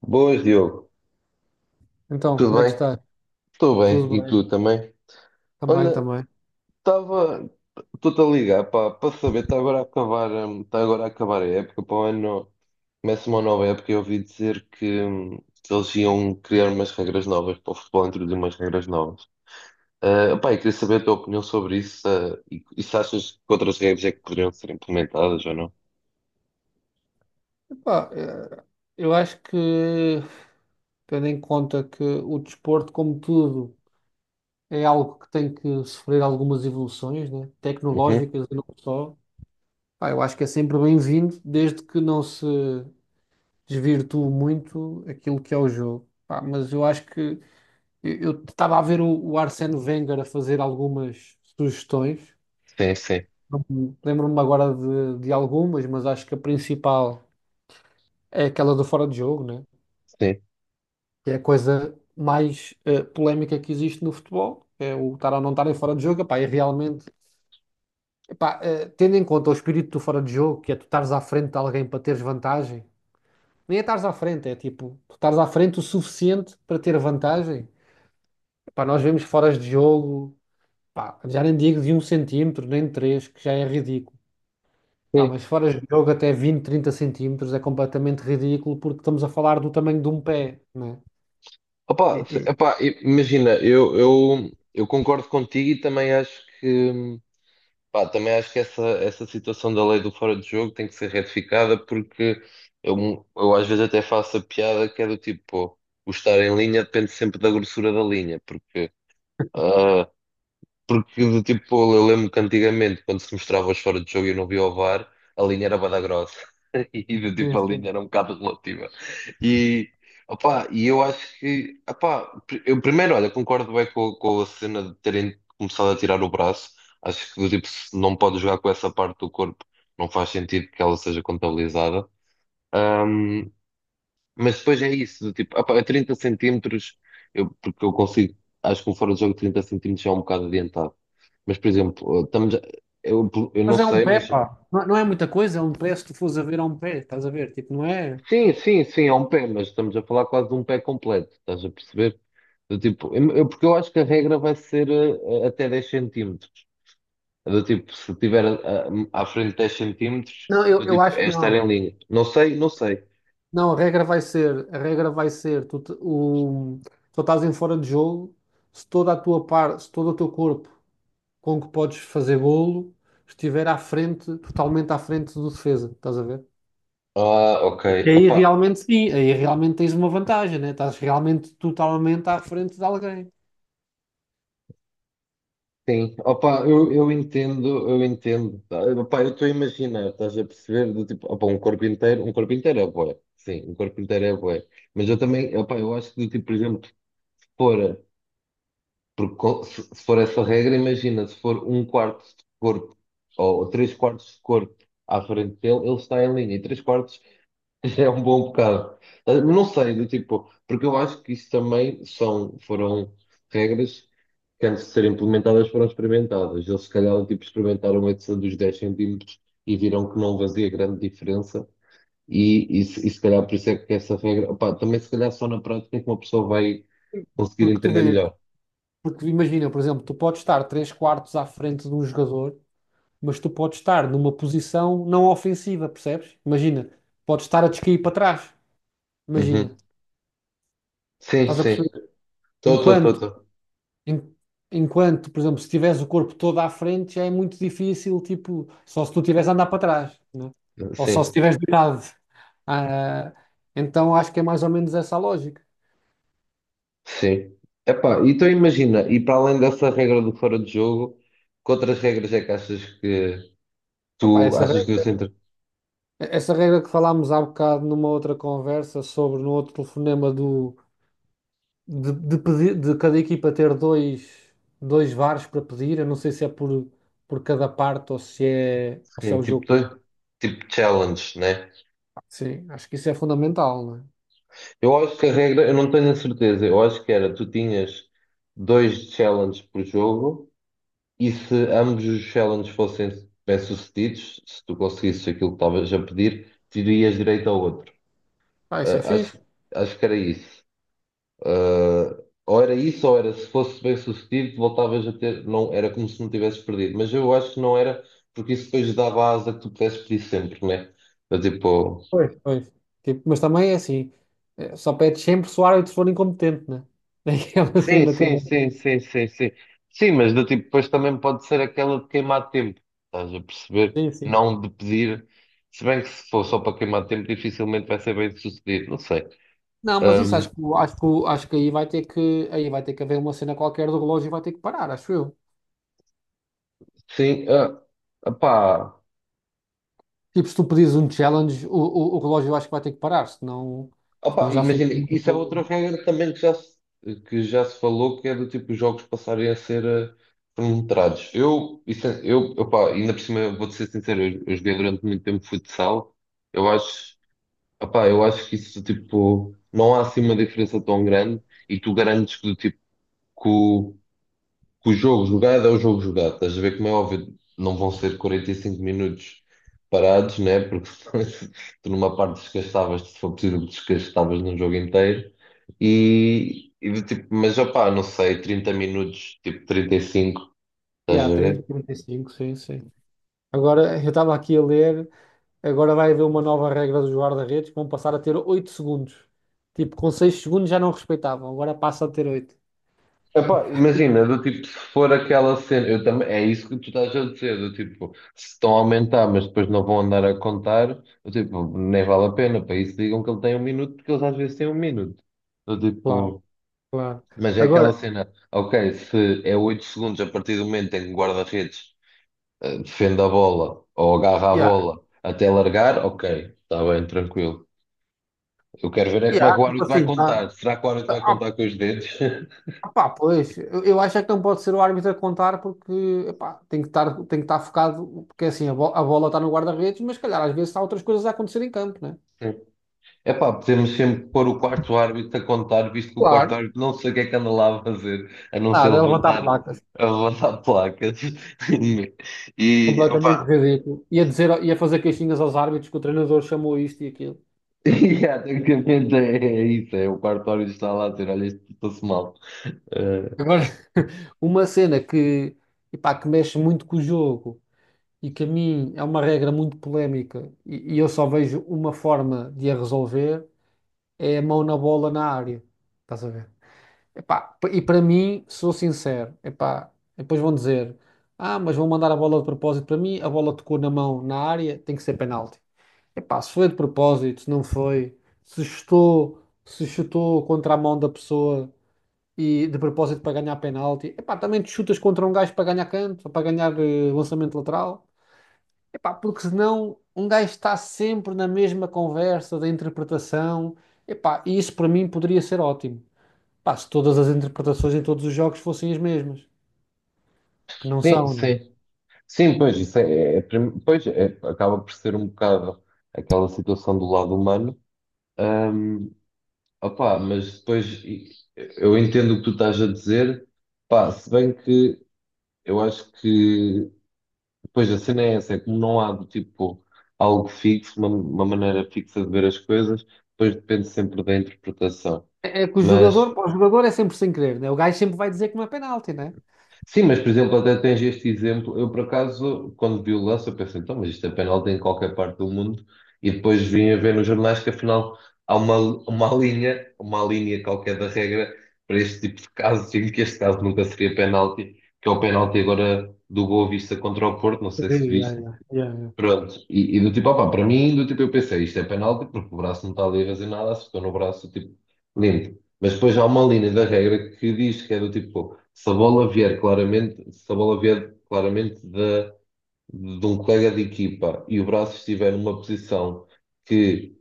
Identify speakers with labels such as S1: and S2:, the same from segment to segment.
S1: Boas, Diogo.
S2: Então, como
S1: Tudo
S2: é que
S1: bem?
S2: está?
S1: Estou bem.
S2: Tudo
S1: E
S2: bem?
S1: tu também?
S2: Também,
S1: Olha,
S2: também.
S1: estava. Estou-te a ligar para saber. Está agora a acabar a época. Para o ano começa uma nova época. Eu ouvi dizer que eles iam criar umas regras novas para o futebol, introduzir umas regras novas. Ah, pá, eu queria saber a tua opinião sobre isso, e se achas que outras regras é que poderiam ser implementadas ou não?
S2: Epá, eu acho que, tendo em conta que o desporto, como tudo, é algo que tem que sofrer algumas evoluções, né?
S1: Uhum.
S2: Tecnológicas e não só. Pá, eu acho que é sempre bem-vindo, desde que não se desvirtue muito aquilo que é o jogo. Pá, mas eu acho que eu estava a ver o Arsène Wenger a fazer algumas sugestões.
S1: Sim, sim,
S2: Não me- Lembro-me agora de algumas, mas acho que a principal. É aquela do fora de jogo, né?
S1: sim.
S2: Que é a coisa mais polémica que existe no futebol, é o estar ou não estar em fora de jogo, epá, e realmente, epá, tendo em conta o espírito do fora de jogo, que é tu estares à frente de alguém para teres vantagem, nem é estares à frente, é tipo, tu estares à frente o suficiente para ter vantagem, epá, nós vemos foras de jogo, pá, já nem digo de 1 cm, nem de 3, que já é ridículo. Ah,
S1: Sim.
S2: mas foras de jogo até 20, 30 cm é completamente ridículo porque estamos a falar do tamanho de um pé, né? E,
S1: Opa,
S2: e-
S1: epá, imagina, eu concordo contigo e também acho que, pá, também acho que essa situação da lei do fora de jogo tem que ser retificada porque eu às vezes até faço a piada que é do tipo, pô, o estar em linha depende sempre da grossura da linha, ah, porque, do tipo, eu lembro que antigamente, quando se mostrava os fora de jogo e eu não via o VAR, a linha era bué grossa. E, do
S2: Sim,
S1: tipo, a linha
S2: sim.
S1: era um bocado relativa. E, opá, e eu acho que, opá, eu primeiro, olha, concordo bem com a cena de terem começado a tirar o braço. Acho que, do tipo, se não pode jogar com essa parte do corpo, não faz sentido que ela seja contabilizada. Mas depois é isso, do tipo, opa, a 30 centímetros, eu, porque eu consigo, acho que o fora de jogo de 30 centímetros é um bocado adiantado. Mas, por exemplo, estamos, eu não
S2: Mas é um
S1: sei,
S2: pé,
S1: mas
S2: pá. Não, não é muita coisa, é um pé se tu fores a ver a um pé, estás a ver? Tipo, não é?
S1: sim, sim, sim, é um pé, mas estamos a falar quase de um pé completo, estás a perceber? Do tipo, porque eu acho que a regra vai ser até 10 centímetros. Do tipo, se tiver à frente 10 centímetros,
S2: Não, eu,
S1: do
S2: eu
S1: tipo,
S2: acho
S1: é
S2: que
S1: estar em
S2: não.
S1: linha. Não sei, não sei.
S2: Não, a regra vai ser, a regra vai ser, tu estás em fora de jogo, se toda a tua parte, se todo o teu corpo com que podes fazer golo estiver à frente, totalmente à frente do defesa, estás a ver?
S1: Ah, ok.
S2: E aí realmente sim, aí realmente tens uma vantagem, né? Estás realmente totalmente à frente de alguém.
S1: Sim, opa, eu entendo, eu entendo. Tá? Opa, eu estou a imaginar, estás a perceber, do tipo, opa, um corpo inteiro é bué, sim, um corpo inteiro é bué. Mas eu também, opa, eu acho que do tipo, por exemplo, se for, porque se for essa regra, imagina, se for um quarto de corpo ou três quartos de corpo à frente dele, ele está em linha, e três quartos é um bom bocado. Ah, não sei, do tipo, porque eu acho que isso também são, foram regras que antes de serem implementadas foram experimentadas. Eles se calhar do tipo, experimentaram essa dos 10 centímetros e viram que não fazia grande diferença se calhar por isso é que essa regra, opá, também se calhar só na prática é que uma pessoa vai conseguir
S2: Porque tu
S1: entender
S2: vê,
S1: melhor.
S2: porque imagina, por exemplo, tu podes estar 3 quartos à frente de um jogador mas tu podes estar numa posição não ofensiva, percebes? Imagina, podes estar a descair para trás.
S1: Uhum.
S2: Imagina,
S1: Sim,
S2: estás a
S1: sim.
S2: perceber?
S1: Estou, estou, estou,
S2: Enquanto,
S1: estou.
S2: en- enquanto, por exemplo, se tiveres o corpo todo à frente, já é muito difícil, tipo, só se tu tiveres a andar para trás, né? Ou só se
S1: Sim.
S2: tiveres deitado. Ah, então acho que é mais ou menos essa a lógica.
S1: Sim. Epá, então imagina, e para além dessa regra do fora de jogo, que outras regras é que achas que
S2: Opa,
S1: tu achas que devem ser
S2: essa regra que falámos há bocado numa outra conversa sobre, no outro telefonema de pedir, de cada equipa ter dois VARs para pedir. Eu não sei se é por cada parte ou se é,
S1: sim,
S2: o
S1: tipo,
S2: jogo.
S1: tipo challenge, né?
S2: Sim, acho que isso é fundamental, não é?
S1: Eu acho que a regra, eu não tenho a certeza, eu acho que era, tu tinhas dois challenges por jogo e se ambos os challenges fossem bem-sucedidos, se tu conseguisses aquilo que estavas a pedir, terias direito ao outro.
S2: Ah, isso é
S1: Ah, acho,
S2: fixe.
S1: acho que era isso. Ou era isso, ou era se fosse bem sucedido, voltavas a ter. Não, era como se não tivesses perdido. Mas eu acho que não era, porque isso depois dava asa que tu pudesses pedir sempre, né? Do tipo.
S2: Pois. Pois. Tipo, mas também é assim, é, só pede sempre se o árbitro for incompetente, né? É aquela
S1: Sim,
S2: cena
S1: sim,
S2: também.
S1: sim, sim, sim, sim. Sim, mas do tipo, depois também pode ser aquela de queimar tempo. Estás a perceber?
S2: Sim, sim.
S1: Não de pedir. Se bem que se for só para queimar tempo, dificilmente vai ser bem sucedido. Não sei.
S2: Não, mas isso acho
S1: Um,
S2: que acho que acho que aí vai ter que haver uma cena qualquer do relógio e vai ter que parar, acho eu.
S1: sim,
S2: Tipo, se tu pedires um challenge, o relógio eu acho que vai ter que parar, senão,
S1: opa,
S2: senão já fica
S1: imagina, isso é outra
S2: muito.
S1: regra também que já se falou, que é do tipo os jogos passarem a ser cronometrados. Eu, isso, opa, ainda por cima, vou-te ser sincero, eu joguei durante muito tempo futsal. Eu acho, opa, eu acho que isso, tipo, não há assim uma diferença tão grande e tu garantes que, do tipo, que o jogo jogado é o jogo jogado. Estás a ver como é óbvio, não vão ser 45 minutos parados, né? Porque tu numa parte desgastavas, se for possível, desgastavas num jogo inteiro. Do tipo, mas opá, não sei, 30 minutos, tipo 35, estás
S2: Yeah,
S1: a
S2: trinta,
S1: ver?
S2: trinta e cinco, sim, sim. Agora, eu estava aqui a ler, agora vai haver uma nova regra dos guarda-redes que vão passar a ter 8 segundos. Tipo, com 6 segundos já não respeitavam, agora passa a ter 8.
S1: Epá, imagina, do tipo, se for aquela cena, eu também, é isso que tu estás a dizer, do tipo, se estão a aumentar, mas depois não vão andar a contar, do tipo, nem vale a pena, para isso digam que ele tem 1 minuto, porque eles às vezes têm 1 minuto. Do
S2: Claro,
S1: tipo,
S2: claro.
S1: mas é aquela
S2: Agora,
S1: cena, ok, se é 8 segundos a partir do momento em que o guarda-redes defende a bola ou agarra a
S2: yeah,
S1: bola até largar, ok, está bem, tranquilo. Eu quero ver é como
S2: yeah,
S1: é que o
S2: tipo
S1: árbitro vai
S2: assim,
S1: contar. Será que o árbitro vai
S2: tá- ah,
S1: contar com os dedos?
S2: pá, pois, eu acho é que não pode ser o árbitro a contar porque, epá, tem que estar focado, porque assim, a bola está no guarda-redes, mas se calhar às vezes há outras coisas a acontecer em campo, né?
S1: É pá, podemos sempre pôr o quarto árbitro a contar, visto que o quarto
S2: Claro.
S1: árbitro não sei o que é que anda lá a fazer, a não ser
S2: Nada, é levantar a
S1: levantar,
S2: placa.
S1: a levantar placas. E,
S2: Completamente
S1: opá,
S2: ridículo. Ia dizer, ia fazer queixinhas aos árbitros que o treinador chamou isto e aquilo.
S1: e, yeah, tecnicamente é isso, é o quarto árbitro está lá a dizer, olha, isto passou mal. Eh,
S2: Agora, uma cena que, epá, que mexe muito com o jogo e que a mim é uma regra muito polémica e eu só vejo uma forma de a resolver é a mão na bola na área. Estás a ver? Epá, p- e para mim, sou sincero, epá, depois vão dizer, ah, mas vão mandar a bola de propósito para mim, a bola tocou na mão na área, tem que ser penalti. Epá, se foi de propósito, se não foi, se chutou, contra a mão da pessoa e de propósito para ganhar penalti, epá, também te chutas contra um gajo para ganhar canto, ou para ganhar lançamento lateral, epá, porque senão um gajo está sempre na mesma conversa da interpretação, epá, e isso para mim poderia ser ótimo. Epá, se todas as interpretações em todos os jogos fossem as mesmas, que não
S1: Sim,
S2: são, né?
S1: sim. Sim, pois, isso é, pois, acaba por ser um bocado aquela situação do lado humano. Ahm, Opá, mas depois eu entendo o que tu estás a dizer, pá, se bem que eu acho que depois a cena é essa, é como não há do tipo algo fixo, uma maneira fixa de ver as coisas, depois depende sempre da interpretação.
S2: É que o jogador,
S1: Mas
S2: pá, o jogador é sempre sem querer, né? O gajo sempre vai dizer que não é penalti, né?
S1: Sim, mas por exemplo, até tens este exemplo. Eu, por acaso, quando vi o lance, eu pensei, então, mas isto é penalti em qualquer parte do mundo. E depois vim a ver nos jornais que afinal há uma linha qualquer da regra para este tipo de casos, e que este caso nunca seria penalti, que é o penalti agora do Boa Vista contra o Porto, não sei se
S2: Sim, yeah,
S1: viste,
S2: yeah, yeah, yeah.
S1: pronto, do tipo, opá, para mim, do tipo, eu pensei, isto é penalti, porque o braço não está ali a fazer nada, acertou no braço, tipo, limpo. Mas depois há uma linha da regra que diz que é do tipo, se a bola vier claramente, se a bola vier claramente de um colega de equipa e o braço estiver numa posição que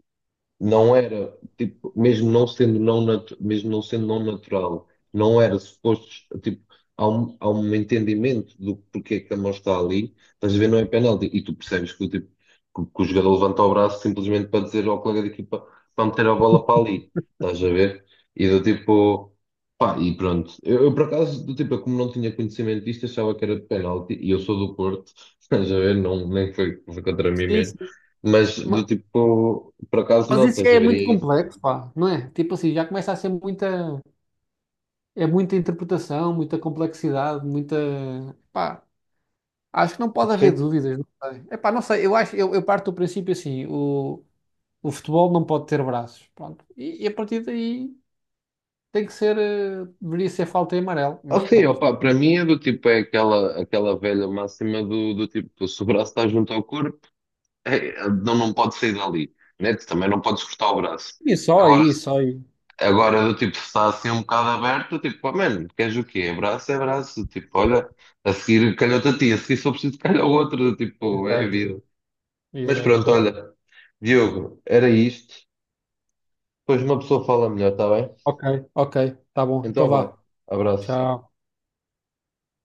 S1: não era, tipo, mesmo não sendo não natural, não era suposto, tipo, há um entendimento do porquê que a mão está ali, estás a ver, não é penalti, e tu percebes que, o tipo, que o jogador levanta o braço simplesmente para dizer ao colega de equipa para meter a bola para ali, estás a ver? E do tipo, pá, e pronto. Por acaso, do tipo, eu como não tinha conhecimento disto, achava que era penalti, e eu sou do Porto, estás a ver, não, nem foi, foi contra mim
S2: Sim,
S1: mesmo.
S2: sim.
S1: Mas do
S2: Ma-
S1: tipo, por acaso
S2: Mas
S1: não,
S2: isso
S1: estás
S2: já
S1: a
S2: é
S1: ver
S2: muito
S1: isso?
S2: complexo, pá, não é? Tipo assim, já começa a ser muita, é muita interpretação, muita complexidade, muita, pá, acho que não pode haver
S1: Sim.
S2: dúvidas, não sei. É pá, não sei, eu acho, eu parto do princípio assim, o, futebol não pode ter braços, pronto. E a partir daí tem que ser, deveria ser falta em amarelo,
S1: Ah,
S2: mas
S1: sim,
S2: pronto.
S1: opa, para mim é do tipo, é aquela, aquela velha máxima do, do tipo, se o braço está junto ao corpo, é, não, não pode sair dali, né? Tu também não podes cortar o braço.
S2: E só
S1: Agora,
S2: aí, só aí.
S1: agora do tipo, se está assim um bocado aberto, eu tipo, pá, mano, queres o quê? É braço, tipo, olha, a seguir calhou-te a ti, a seguir só preciso calhar o outro, do tipo, é a
S2: Exato,
S1: vida. Mas
S2: exato.
S1: pronto, olha, Diogo, era isto, depois uma pessoa fala melhor, está bem?
S2: Ok, ok, tá bom, então
S1: Então
S2: vá.
S1: vá, abraço.
S2: Tchau.